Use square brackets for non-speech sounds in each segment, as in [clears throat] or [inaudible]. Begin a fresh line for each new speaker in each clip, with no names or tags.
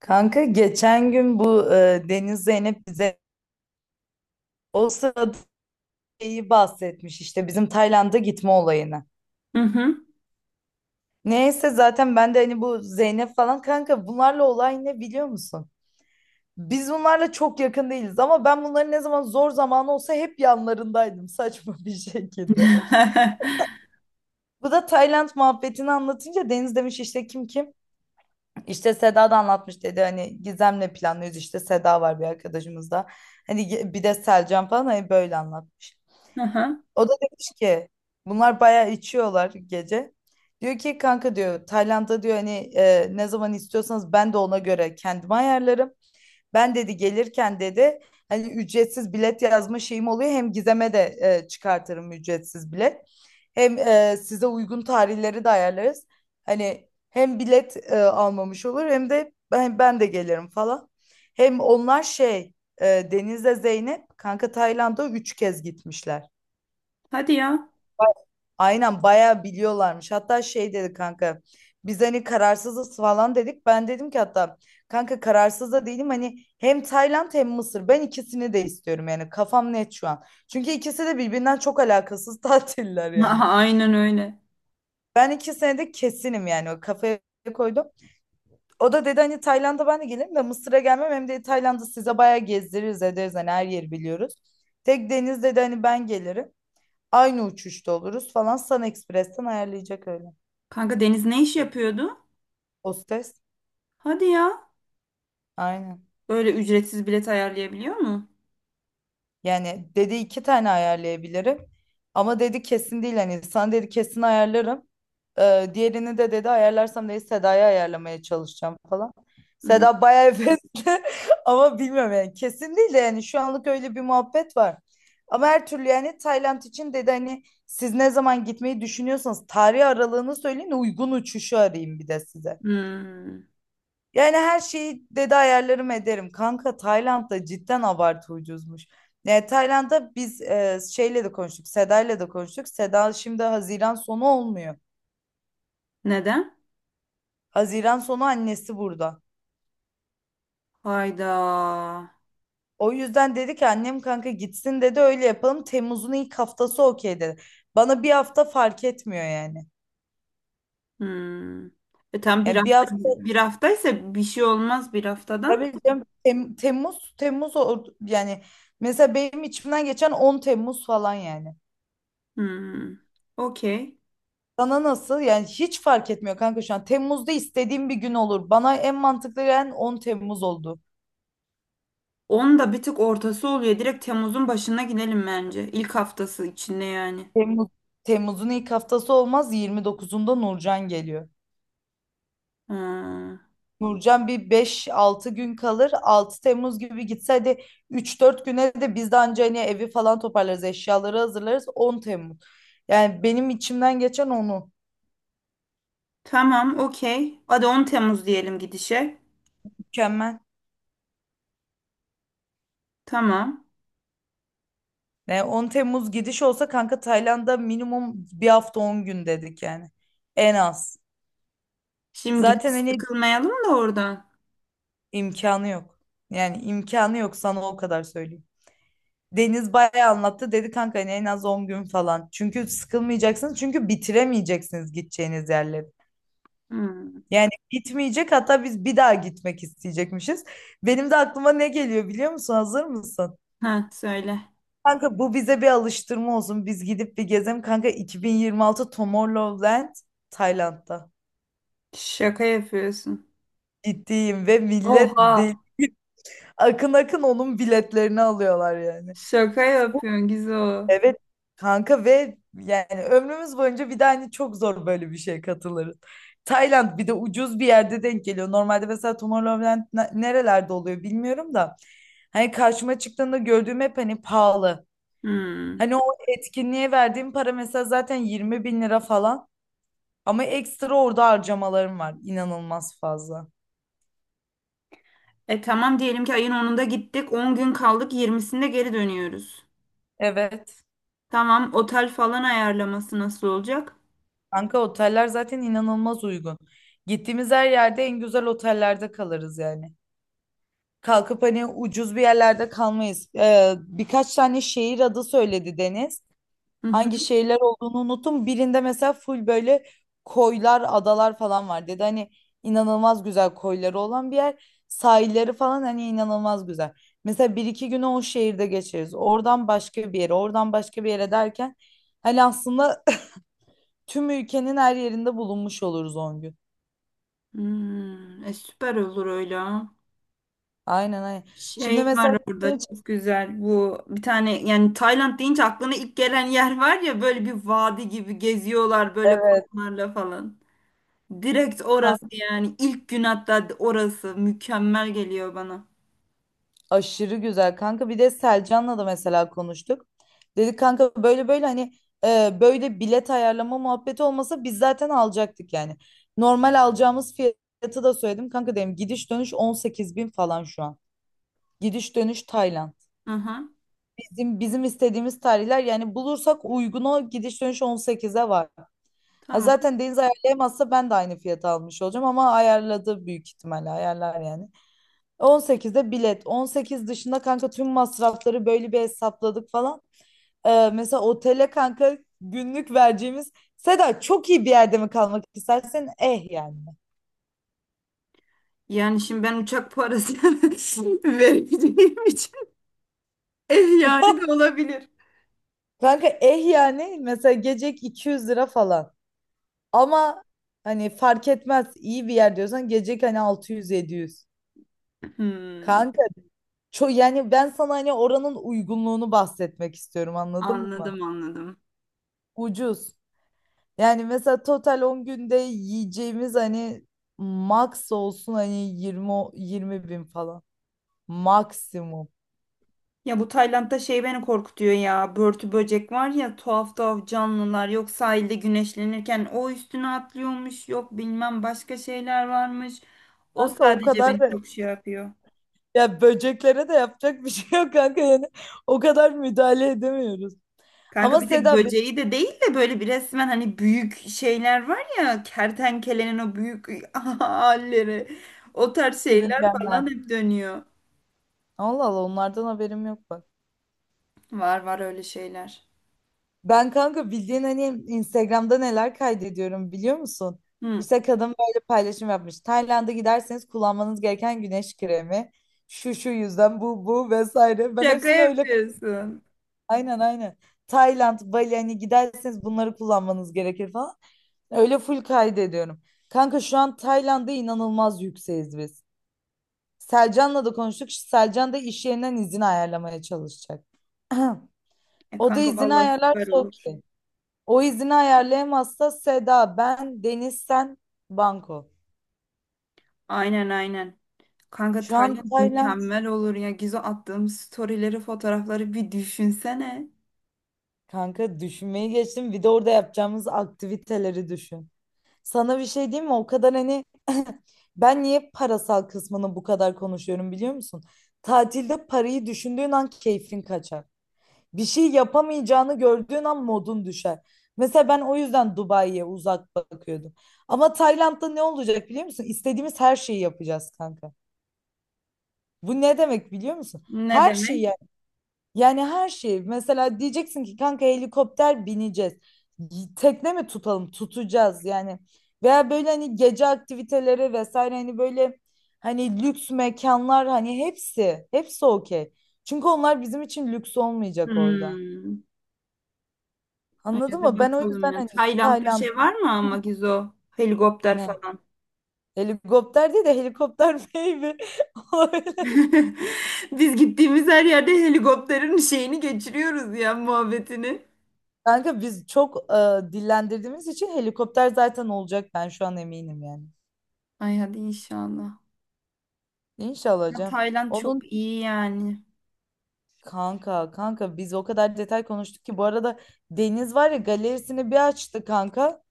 Kanka geçen gün bu Deniz Zeynep bize o sırada şeyi bahsetmiş işte bizim Tayland'a gitme olayını.
Hı hı.
Neyse zaten ben de hani bu Zeynep falan kanka bunlarla olay ne biliyor musun? Biz bunlarla çok yakın değiliz ama ben bunların ne zaman zor zamanı olsa hep yanlarındaydım [laughs] saçma bir şekilde.
[laughs]
Bu da Tayland muhabbetini anlatınca Deniz demiş işte kim kim? İşte Seda da anlatmış dedi hani Gizem'le planlıyoruz işte Seda var bir arkadaşımız da. Hani bir de Selcan falan hani böyle anlat.
Hı.
O da demiş ki bunlar bayağı içiyorlar gece. Diyor ki kanka diyor Tayland'a diyor hani ne zaman istiyorsanız ben de ona göre kendimi ayarlarım. Ben dedi gelirken dedi hani ücretsiz bilet yazma şeyim oluyor. Hem Gizem'e de çıkartırım ücretsiz bilet. Hem size uygun tarihleri de ayarlarız. Hani hem bilet almamış olur hem de ben de gelirim falan. Hem onlar Deniz'le Zeynep kanka Tayland'a 3 kez gitmişler.
Hadi ya.
Aynen bayağı biliyorlarmış. Hatta şey dedi kanka. Biz hani kararsızız falan dedik. Ben dedim ki hatta kanka kararsız da değilim. Hani hem Tayland hem Mısır. Ben ikisini de istiyorum yani. Kafam net şu an. Çünkü ikisi de birbirinden çok alakasız [laughs] tatiller yani.
Aha, aynen öyle.
Ben 2 senede kesinim yani. O kafaya koydum. O da dedi hani Tayland'a ben de gelirim de Mısır'a gelmem. Hem de Tayland'ı size bayağı gezdiririz ederiz. Hani her yeri biliyoruz. Tek Deniz dedi hani ben gelirim. Aynı uçuşta oluruz falan. Sun Express'ten ayarlayacak öyle.
Kanka Deniz ne iş yapıyordu?
Hostes.
Hadi ya.
Aynen.
Böyle ücretsiz bilet ayarlayabiliyor mu?
Yani dedi iki tane ayarlayabilirim. Ama dedi kesin değil. Hani sana dedi kesin ayarlarım. Diğerini de dedi ayarlarsam dedi Sedaya ayarlamaya çalışacağım falan.
Hı.
Seda bayağı hevesli [laughs] ama bilmiyorum yani kesin değil de yani şu anlık öyle bir muhabbet var. Ama her türlü yani Tayland için dedi hani siz ne zaman gitmeyi düşünüyorsanız tarih aralığını söyleyin uygun uçuşu arayayım bir de size.
Hmm.
Yani her şeyi dedi ayarlarım ederim. Kanka Tayland'da cidden abartı ucuzmuş. Yani Tayland'da biz şeyle de konuştuk. Seda'yla da konuştuk. Seda şimdi Haziran sonu olmuyor.
Neden?
Haziran sonu annesi burada.
Hayda.
O yüzden dedi ki annem kanka gitsin dedi öyle yapalım. Temmuz'un ilk haftası okey dedi. Bana bir hafta fark etmiyor yani.
Hmm. E tam bir
Yani bir
hafta
hafta
bir haftaysa bir şey olmaz bir haftadan.
tabii canım, yani mesela benim içimden geçen 10 Temmuz falan yani.
Hmm. Okey.
Sana nasıl? Yani hiç fark etmiyor kanka şu an. Temmuz'da istediğim bir gün olur. Bana en mantıklı gelen 10 Temmuz oldu.
Onun da bir tık ortası oluyor. Direkt Temmuz'un başına gidelim bence. İlk haftası içinde yani.
Temmuz, Temmuz'un ilk haftası olmaz. 29'unda Nurcan geliyor.
Hmm.
Nurcan bir 5-6 gün kalır. 6 Temmuz gibi gitse hadi 3-4 güne de biz de anca hani evi falan toparlarız. Eşyaları hazırlarız. 10 Temmuz. Yani benim içimden geçen onu.
Tamam, okey. Hadi 10 Temmuz diyelim gidişe.
Mükemmel.
Tamam.
Yani 10 Temmuz gidiş olsa kanka Tayland'a minimum bir hafta 10 gün dedik yani. En az.
Şimdi gidip
Zaten hani
sıkılmayalım da oradan.
İmkanı yok. Yani imkanı yok sana o kadar söyleyeyim. Deniz bayağı anlattı. Dedi kanka hani en az 10 gün falan. Çünkü sıkılmayacaksınız. Çünkü bitiremeyeceksiniz gideceğiniz yerleri.
Hmm.
Yani bitmeyecek hatta biz bir daha gitmek isteyecekmişiz. Benim de aklıma ne geliyor biliyor musun? Hazır mısın?
Ha, söyle.
Kanka bu bize bir alıştırma olsun. Biz gidip bir gezelim. Kanka 2026 Tomorrowland Tayland'da.
Şaka yapıyorsun.
Gittiğim ve millet
Oha.
değil. Akın akın onun biletlerini alıyorlar yani.
Şaka yapıyorsun Gizo.
Evet kanka ve yani ömrümüz boyunca bir de hani çok zor böyle bir şeye katılırız. Tayland bir de ucuz bir yerde denk geliyor. Normalde mesela Tomorrowland nerelerde oluyor bilmiyorum da. Hani karşıma çıktığında gördüğüm hep hani pahalı.
Hmm.
Hani o etkinliğe verdiğim para mesela zaten 20.000 lira falan. Ama ekstra orada harcamalarım var. İnanılmaz fazla.
E tamam diyelim ki ayın onunda gittik. On gün kaldık. Yirmisinde geri dönüyoruz.
Evet.
Tamam. Otel falan ayarlaması nasıl olacak?
Kanka oteller zaten inanılmaz uygun. Gittiğimiz her yerde en güzel otellerde kalırız yani. Kalkıp hani ucuz bir yerlerde kalmayız. Birkaç tane şehir adı söyledi Deniz.
Hı hı.
Hangi şehirler olduğunu unuttum. Birinde mesela full böyle koylar, adalar falan var dedi. Hani inanılmaz güzel koyları olan bir yer. Sahilleri falan hani inanılmaz güzel. Mesela bir iki günü o şehirde geçiririz. Oradan başka bir yere, oradan başka bir yere derken hani aslında [laughs] [clears throat] tüm ülkenin her yerinde bulunmuş oluruz 10 gün.
Hmm. E süper olur öyle.
Aynen aynen. Şimdi
Şey var
mesela
orada
sizin
çok
için-
güzel bu bir tane yani Tayland deyince aklına ilk gelen yer var ya, böyle bir vadi gibi geziyorlar böyle
evet.
kamplarla falan. Direkt orası yani, ilk gün hatta orası mükemmel geliyor bana.
Aşırı güzel kanka. Bir de Selcan'la da mesela konuştuk. Dedik kanka böyle böyle hani böyle bilet ayarlama muhabbeti olmasa biz zaten alacaktık yani. Normal alacağımız fiyatı da söyledim. Kanka dedim gidiş dönüş 18 bin falan şu an. Gidiş dönüş Tayland.
Aha,
Bizim istediğimiz tarihler yani bulursak uygun o gidiş dönüş 18'e var. Ha
tamam.
zaten Deniz ayarlayamazsa ben de aynı fiyata almış olacağım ama ayarladı büyük ihtimalle ayarlar yani. 18'de bilet. 18 dışında kanka tüm masrafları böyle bir hesapladık falan. Mesela otele kanka günlük vereceğimiz Seda çok iyi bir yerde mi kalmak istersen eh yani.
Yani şimdi ben uçak parası [laughs] vereceğim için ev yani de olabilir.
Kanka eh yani mesela gecek 200 lira falan. Ama hani fark etmez iyi bir yer diyorsan gecek hani 600-700.
Hmm,
Kanka çok yani ben sana hani oranın uygunluğunu bahsetmek istiyorum anladın mı?
anladım anladım.
Ucuz. Yani mesela total 10 günde yiyeceğimiz hani max olsun hani 20 20 bin falan. Maksimum.
Ya bu Tayland'da şey beni korkutuyor ya. Börtü böcek var ya, tuhaf tuhaf canlılar. Yok sahilde güneşlenirken o üstüne atlıyormuş. Yok bilmem başka şeyler varmış. O
Kanka o
sadece
kadar
beni
da
çok şey yapıyor.
ya böceklere de yapacak bir şey yok kanka yani o kadar müdahale edemiyoruz.
Kanka
Ama
bir tek
Seda benim
böceği de değil de böyle bir resmen hani büyük şeyler var ya, kertenkelenin o büyük [laughs] halleri. O tarz şeyler
sürüngenler.
falan hep dönüyor.
Allah Allah onlardan haberim yok bak.
Var var öyle şeyler.
Ben kanka bildiğin hani Instagram'da neler kaydediyorum biliyor musun?
Hı.
İşte kadın böyle paylaşım yapmış. Tayland'a giderseniz kullanmanız gereken güneş kremi. Şu şu yüzden bu bu vesaire. Ben
Şaka
hepsini öyle
yapıyorsun.
aynen aynen. Tayland, Bali hani giderseniz bunları kullanmanız gerekir falan. Öyle full kaydediyorum. Kanka şu an Tayland'da inanılmaz yükseğiz biz. Selcan'la da konuştuk. Selcan da iş yerinden izin ayarlamaya çalışacak. [clears throat]
E
O da
kanka
izini
vallahi süper
ayarlarsa
olur.
okey. O izini ayarlayamazsa Seda, ben, Deniz, sen, Banko.
Aynen aynen. Kanka
Şu an
Tayland
Tayland.
mükemmel olur ya. Gizo attığım storyleri, fotoğrafları bir düşünsene.
Kanka düşünmeyi geçtim. Bir de orada yapacağımız aktiviteleri düşün. Sana bir şey diyeyim mi? O kadar hani [laughs] ben niye parasal kısmını bu kadar konuşuyorum biliyor musun? Tatilde parayı düşündüğün an keyfin kaçar. Bir şey yapamayacağını gördüğün an modun düşer. Mesela ben o yüzden Dubai'ye uzak bakıyordum. Ama Tayland'da ne olacak biliyor musun? İstediğimiz her şeyi yapacağız kanka. Bu ne demek biliyor musun?
Ne
Her şeyi
demek?
yani her şeyi mesela diyeceksin ki kanka helikopter bineceğiz. Tekne mi tutalım? Tutacağız yani. Veya böyle hani gece aktiviteleri vesaire hani böyle hani lüks mekanlar hani hepsi hepsi okey. Çünkü onlar bizim için lüks olmayacak orada.
Hmm. Ay,
Anladın
hadi
mı? Ben o
bakalım
yüzden
ya.
hani
Tayland'da
Tayland
şey var mı ama Gizo? Helikopter
ne?
falan.
Helikopter değil de helikopter baby [laughs] olabilir.
[laughs] Biz gittiğimiz her yerde helikopterin şeyini geçiriyoruz ya, muhabbetini.
Kanka biz çok dillendirdiğimiz için helikopter zaten olacak ben şu an eminim yani.
Ay hadi inşallah.
İnşallah
Ya
hocam.
Tayland
Onun
çok iyi yani.
kanka biz o kadar detay konuştuk ki bu arada Deniz var ya galerisini bir açtı kanka.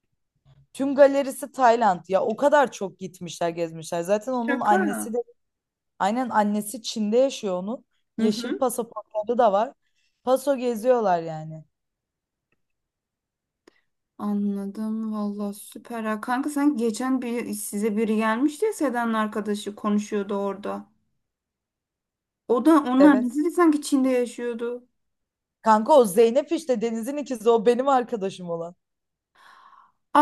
Tüm galerisi Tayland ya o kadar çok gitmişler gezmişler. Zaten onun
Şaka.
annesi de aynen annesi Çin'de yaşıyor onun.
Hı
Yeşil
hı.
pasaportları da var. Paso geziyorlar yani.
Anladım. Vallahi süper. Ha. Kanka sen geçen bir size biri gelmişti ya, Seda'nın arkadaşı konuşuyordu orada. O da onlar
Evet.
nasıl sanki Çin'de yaşıyordu.
Kanka o Zeynep işte Deniz'in ikizi o benim arkadaşım olan.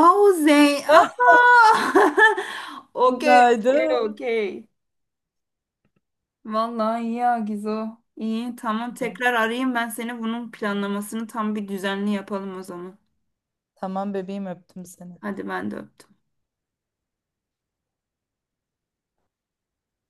Aa o Zey.
Ah
Aa. [laughs] Okey. Okey.
günaydın.
Okey. Vallahi iyi ya Gizo. İyi tamam, tekrar arayayım ben seni, bunun planlamasını tam bir düzenli yapalım o zaman.
Tamam bebeğim öptüm seni.
Hadi ben de öptüm.